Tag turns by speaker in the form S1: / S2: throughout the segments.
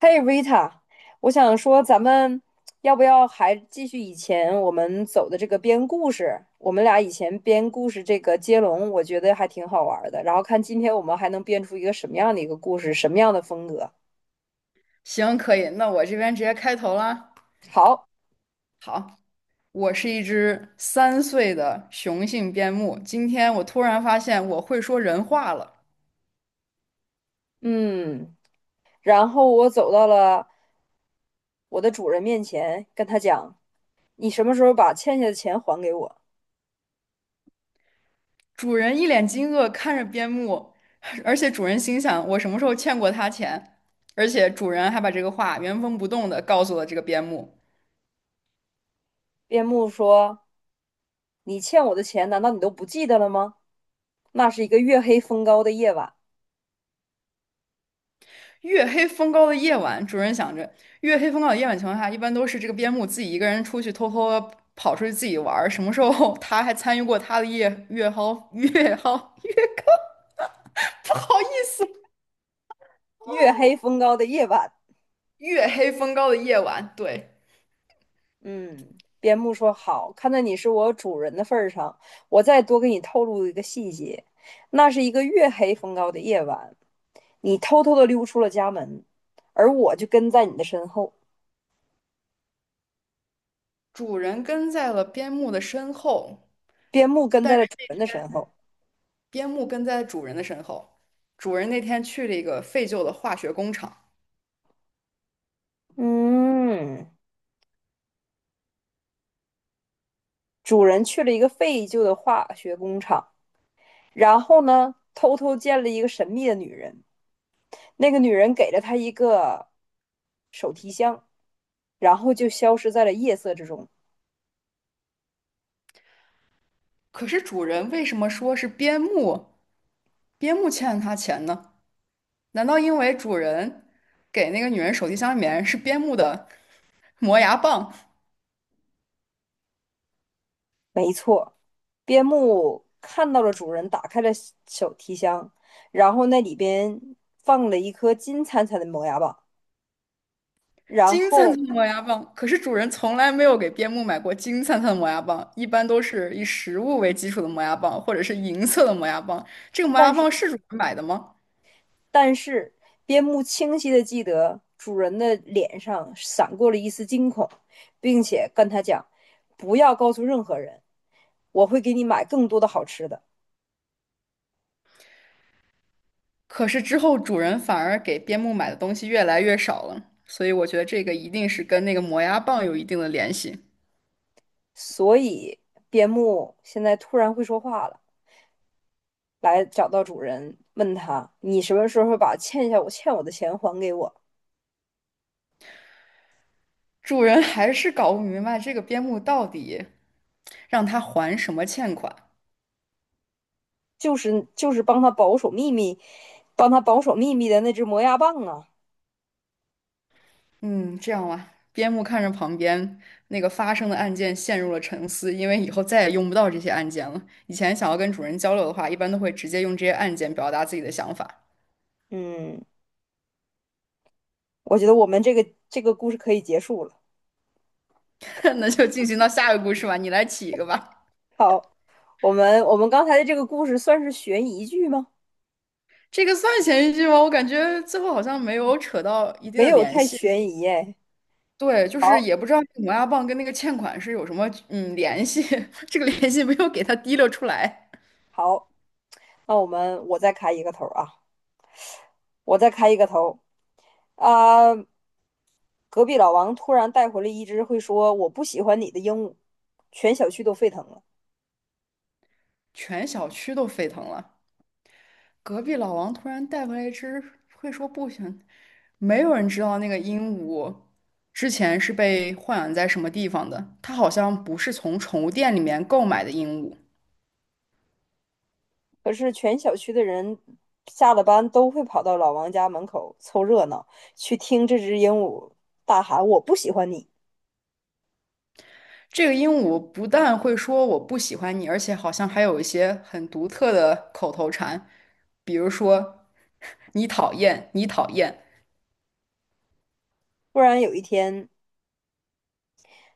S1: 嘿，Rita，我想说，咱们要不要还继续以前我们走的这个编故事？我们俩以前编故事这个接龙，我觉得还挺好玩儿的。然后看今天我们还能编出一个什么样的一个故事，什么样的风格？
S2: 行，可以，那我这边直接开头啦。
S1: 好，
S2: 好，我是一只三岁的雄性边牧。今天我突然发现我会说人话了。
S1: 嗯，然后我走到了我的主人面前，跟他讲："你什么时候把欠下的钱还给我？"
S2: 主人一脸惊愕看着边牧，而且主人心想：我什么时候欠过他钱？而且主人还把这个话原封不动的告诉了这个边牧。
S1: 边牧说："你欠我的钱，难道你都不记得了吗？"那是一个月黑风高的夜晚，
S2: 月黑风高的夜晚，主人想着，月黑风高的夜晚情况下，一般都是这个边牧自己一个人出去偷偷地跑出去自己玩儿。什么时候 他还参与过他的夜月蒿月蒿月高？不好意思，
S1: 月黑风高的夜晚。
S2: 月黑风高的夜晚，对，
S1: 嗯，边牧说好，看在你是我主人的份儿上，我再多给你透露一个细节。那是一个月黑风高的夜晚，你偷偷的溜出了家门，而我就跟在你的身后。
S2: 主人跟在了边牧的身后，
S1: 边牧跟
S2: 但
S1: 在
S2: 是
S1: 了主人的身后。
S2: 边牧跟在主人的身后。主人那天去了一个废旧的化学工厂，
S1: 嗯，主人去了一个废旧的化学工厂，然后呢，偷偷见了一个神秘的女人。那个女人给了他一个手提箱，然后就消失在了夜色之中。
S2: 可是主人为什么说是边牧欠了他钱呢？难道因为主人给那个女人手提箱里面是边牧的磨牙棒，
S1: 没错，边牧看到了主人打开了手提箱，然后那里边放了一颗金灿灿的磨牙棒。然
S2: 金灿
S1: 后，
S2: 灿的磨牙棒？可是主人从来没有给边牧买过金灿灿的磨牙棒，一般都是以食物为基础的磨牙棒，或者是银色的磨牙棒。这个磨
S1: 但
S2: 牙
S1: 是
S2: 棒是主人买的吗？
S1: 但是，边牧清晰的记得主人的脸上闪过了一丝惊恐，并且跟他讲："不要告诉任何人，我会给你买更多的好吃的。"
S2: 可是之后主人反而给边牧买的东西越来越少了，所以我觉得这个一定是跟那个磨牙棒有一定的联系。
S1: 所以，边牧现在突然会说话了，来找到主人，问他："你什么时候把欠下我的钱还给我？"
S2: 主人还是搞不明白这个边牧到底让他还什么欠款。
S1: 就是帮他保守秘密，帮他保守秘密的那只磨牙棒啊。
S2: 嗯，这样吧，边牧看着旁边那个发生的案件陷入了沉思，因为以后再也用不到这些案件了。以前想要跟主人交流的话，一般都会直接用这些案件表达自己的想法。
S1: 嗯，我觉得我们这个故事可以结束了。
S2: 那就进行到下一个故事吧，你来起一个吧。
S1: 好，我们刚才的这个故事算是悬疑剧吗？
S2: 这个算前一句吗？我感觉最后好像没有扯到一定
S1: 没
S2: 的
S1: 有
S2: 联
S1: 太
S2: 系。
S1: 悬疑哎。
S2: 对，就是
S1: 好，
S2: 也不知道这个磨牙棒跟那个欠款是有什么联系，这个联系没有给他提溜出来，
S1: 好，那我再开一个头啊，我再开一个头啊。隔壁老王突然带回了一只会说"我不喜欢你"的鹦鹉，全小区都沸腾了。
S2: 全小区都沸腾了。隔壁老王突然带回来一只会说不行，没有人知道那个鹦鹉之前是被豢养在什么地方的。它好像不是从宠物店里面购买的鹦鹉。
S1: 可是全小区的人下了班都会跑到老王家门口凑热闹，去听这只鹦鹉大喊"我不喜欢你"。
S2: 这个鹦鹉不但会说我不喜欢你，而且好像还有一些很独特的口头禅，比如说你讨厌，你讨厌。
S1: 突然有一天，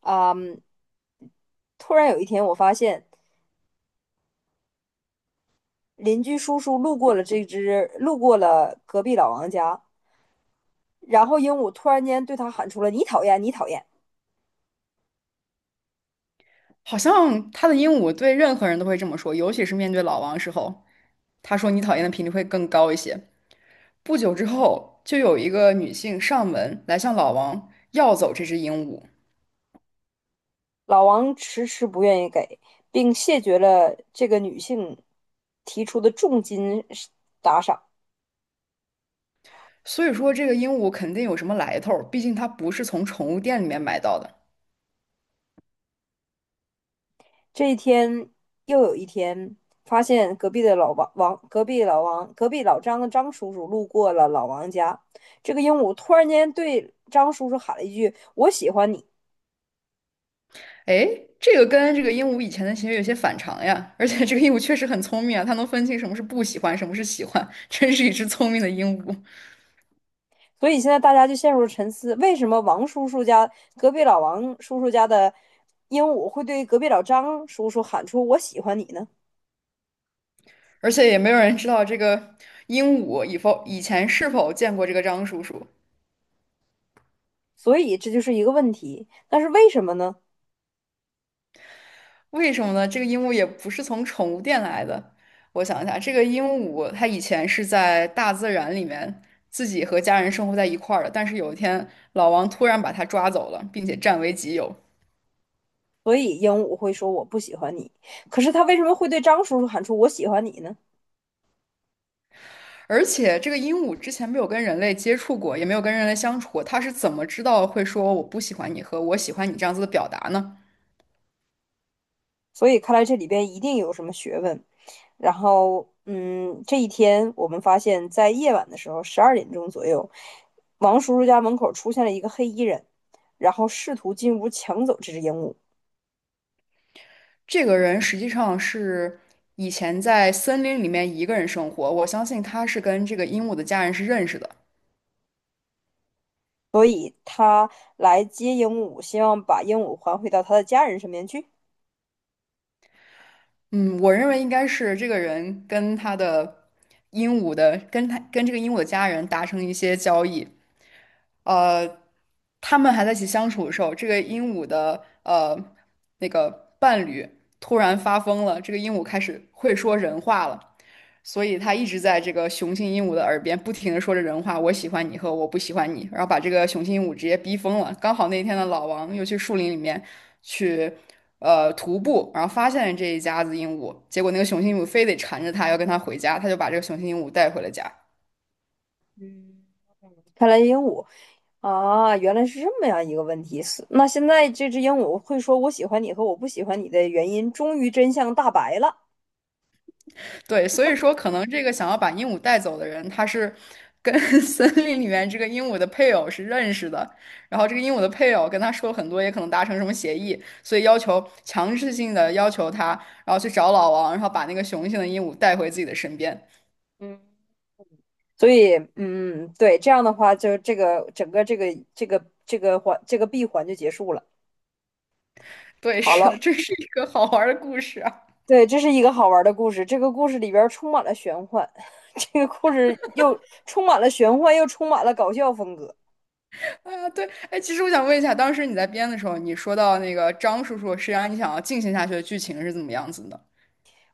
S1: 啊、嗯突然有一天，我发现邻居叔叔路过了这只，路过了隔壁老王家，然后鹦鹉突然间对他喊出了"你讨厌，你讨厌"。
S2: 好像它的鹦鹉对任何人都会这么说，尤其是面对老王时候，它说你讨厌的频率会更高一些。不久之后，就有一个女性上门来向老王要走这只鹦鹉，
S1: 老王迟迟不愿意给，并谢绝了这个女性提出的重金打赏。
S2: 所以说这个鹦鹉肯定有什么来头毕竟它不是从宠物店里面买到的。
S1: 这一天又有一天，发现隔壁的老王王，隔壁老王，隔壁老张的张叔叔路过了老王家。这个鹦鹉突然间对张叔叔喊了一句："我喜欢你。"
S2: 哎，这个跟这个鹦鹉以前的行为有些反常呀，而且这个鹦鹉确实很聪明啊，它能分清什么是不喜欢，什么是喜欢，真是一只聪明的鹦鹉。
S1: 所以现在大家就陷入了沉思：为什么王叔叔家隔壁老王叔叔家的鹦鹉会对隔壁老张叔叔喊出"我喜欢你"呢？
S2: 而且也没有人知道这个鹦鹉以前是否见过这个张叔叔，
S1: 所以这就是一个问题。但是为什么呢？
S2: 为什么呢？这个鹦鹉也不是从宠物店来的。我想一下，这个鹦鹉它以前是在大自然里面自己和家人生活在一块儿的，但是有一天老王突然把它抓走了，并且占为己有。
S1: 所以鹦鹉会说"我不喜欢你"，可是他为什么会对张叔叔喊出"我喜欢你"呢？
S2: 而且这个鹦鹉之前没有跟人类接触过，也没有跟人类相处过，它是怎么知道会说“我不喜欢你”和“我喜欢你”这样子的表达呢？
S1: 所以看来这里边一定有什么学问。然后，这一天我们发现，在夜晚的时候，十二点钟左右，王叔叔家门口出现了一个黑衣人，然后试图进屋抢走这只鹦鹉，
S2: 这个人实际上是以前在森林里面一个人生活，我相信他是跟这个鹦鹉的家人是认识的。
S1: 所以他来接鹦鹉，希望把鹦鹉还回到他的家人身边去。
S2: 嗯，我认为应该是这个人跟他的鹦鹉的，跟他跟这个鹦鹉的家人达成一些交易，呃，他们还在一起相处的时候，这个鹦鹉的那个伴侣突然发疯了，这个鹦鹉开始会说人话了，所以他一直在这个雄性鹦鹉的耳边不停的说着人话，我喜欢你和我不喜欢你，然后把这个雄性鹦鹉直接逼疯了。刚好那天的老王又去树林里面去徒步，然后发现了这一家子鹦鹉，结果那个雄性鹦鹉非得缠着他要跟他回家，他就把这个雄性鹦鹉带回了家。
S1: 啊，原来是这么样一个问题。那现在这只鹦鹉会说"我喜欢你"和"我不喜欢你"的原因，终于真相大白了。
S2: 对，所以说可能这个想要把鹦鹉带走的人，他是跟 森林里面这个鹦鹉的配偶是认识的，然后这个鹦鹉的配偶跟他说了很多，也可能达成什么协议，所以要求强制性的要求他，然后去找老王，然后把那个雄性的鹦鹉带回自己的身边。
S1: 嗯，所以,对，这样的话，就这个整个这个闭环就结束了。
S2: 对，
S1: 好
S2: 是
S1: 了，
S2: 的，这是一个好玩儿的故事啊！
S1: 对，这是一个好玩的故事。这个故事里边儿充满了玄幻，这个故事又充满了玄幻，又充满了搞笑风格。
S2: 哎呀对，哎，其实我想问一下，当时你在编的时候，你说到那个张叔叔，实际上你想要进行下去的剧情是怎么样子的？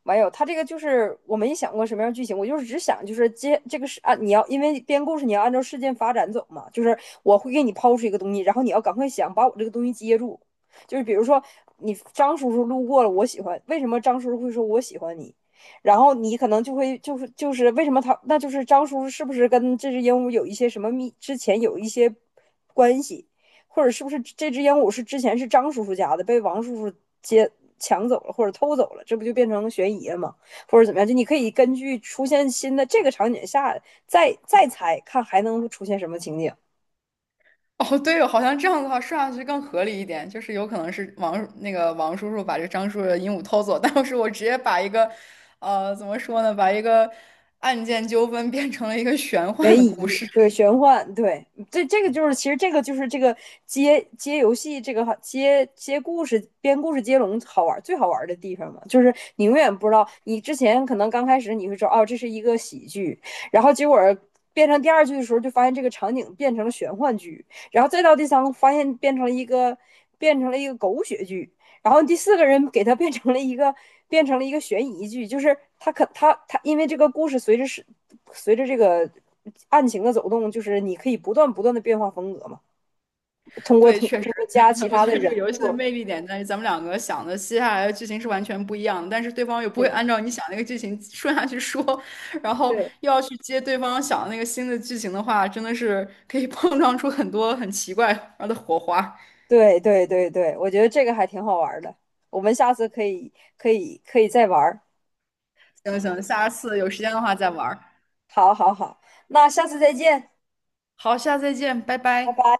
S1: 没有，他这个就是我没想过什么样的剧情，我就是只想就是接这个是啊，你要因为编故事你要按照事件发展走嘛，就是我会给你抛出一个东西，然后你要赶快想把我这个东西接住，就是比如说你张叔叔路过了，我喜欢，为什么张叔叔会说我喜欢你？然后你可能就会就是为什么就是张叔叔是不是跟这只鹦鹉有一些什么之前有一些关系？或者是不是这只鹦鹉是之前是张叔叔家的，被王叔叔接抢走了或者偷走了，这不就变成悬疑了吗？或者怎么样？就你可以根据出现新的这个场景下再猜，看还能出现什么情景。
S2: 哦，对哦，好像这样的话说下去更合理一点，就是有可能是那个王叔叔把这张叔叔的鹦鹉偷走，但是我直接把一个，怎么说呢，把一个案件纠纷变成了一个玄
S1: 悬
S2: 幻的故
S1: 疑，
S2: 事。
S1: 对，玄幻，对，这这个就是，其实这个就是这个接游戏，这个好接故事、编故事接龙好玩，最好玩的地方嘛，就是你永远不知道，你之前可能刚开始你会说哦，这是一个喜剧，然后结果变成第二句的时候，就发现这个场景变成了玄幻剧，然后再到第三个，发现变成了一个狗血剧，然后第四个人给他变成了一个悬疑剧，就是他可他他因为这个故事随着这个案情的走动，就是你可以不断的变化风格嘛，通 过
S2: 对，
S1: 通过
S2: 确实，
S1: 通过加其
S2: 我
S1: 他
S2: 觉
S1: 的
S2: 得这
S1: 人
S2: 个游戏的
S1: 物，
S2: 魅力点在于咱们两个想的接下来的剧情是完全不一样的，但是对方又不会
S1: 对
S2: 按照你想那个剧情顺下去说，然后
S1: 对
S2: 又要去接对方想的那个新的剧情的话，真的是可以 碰撞出很多很奇怪的火花。
S1: 对，我觉得这个还挺好玩的，我们下次可以再玩儿，
S2: 行行，下次有时间的话再玩儿。
S1: 好好好，那下次再见，
S2: 好，下次再见，拜
S1: 拜
S2: 拜。
S1: 拜。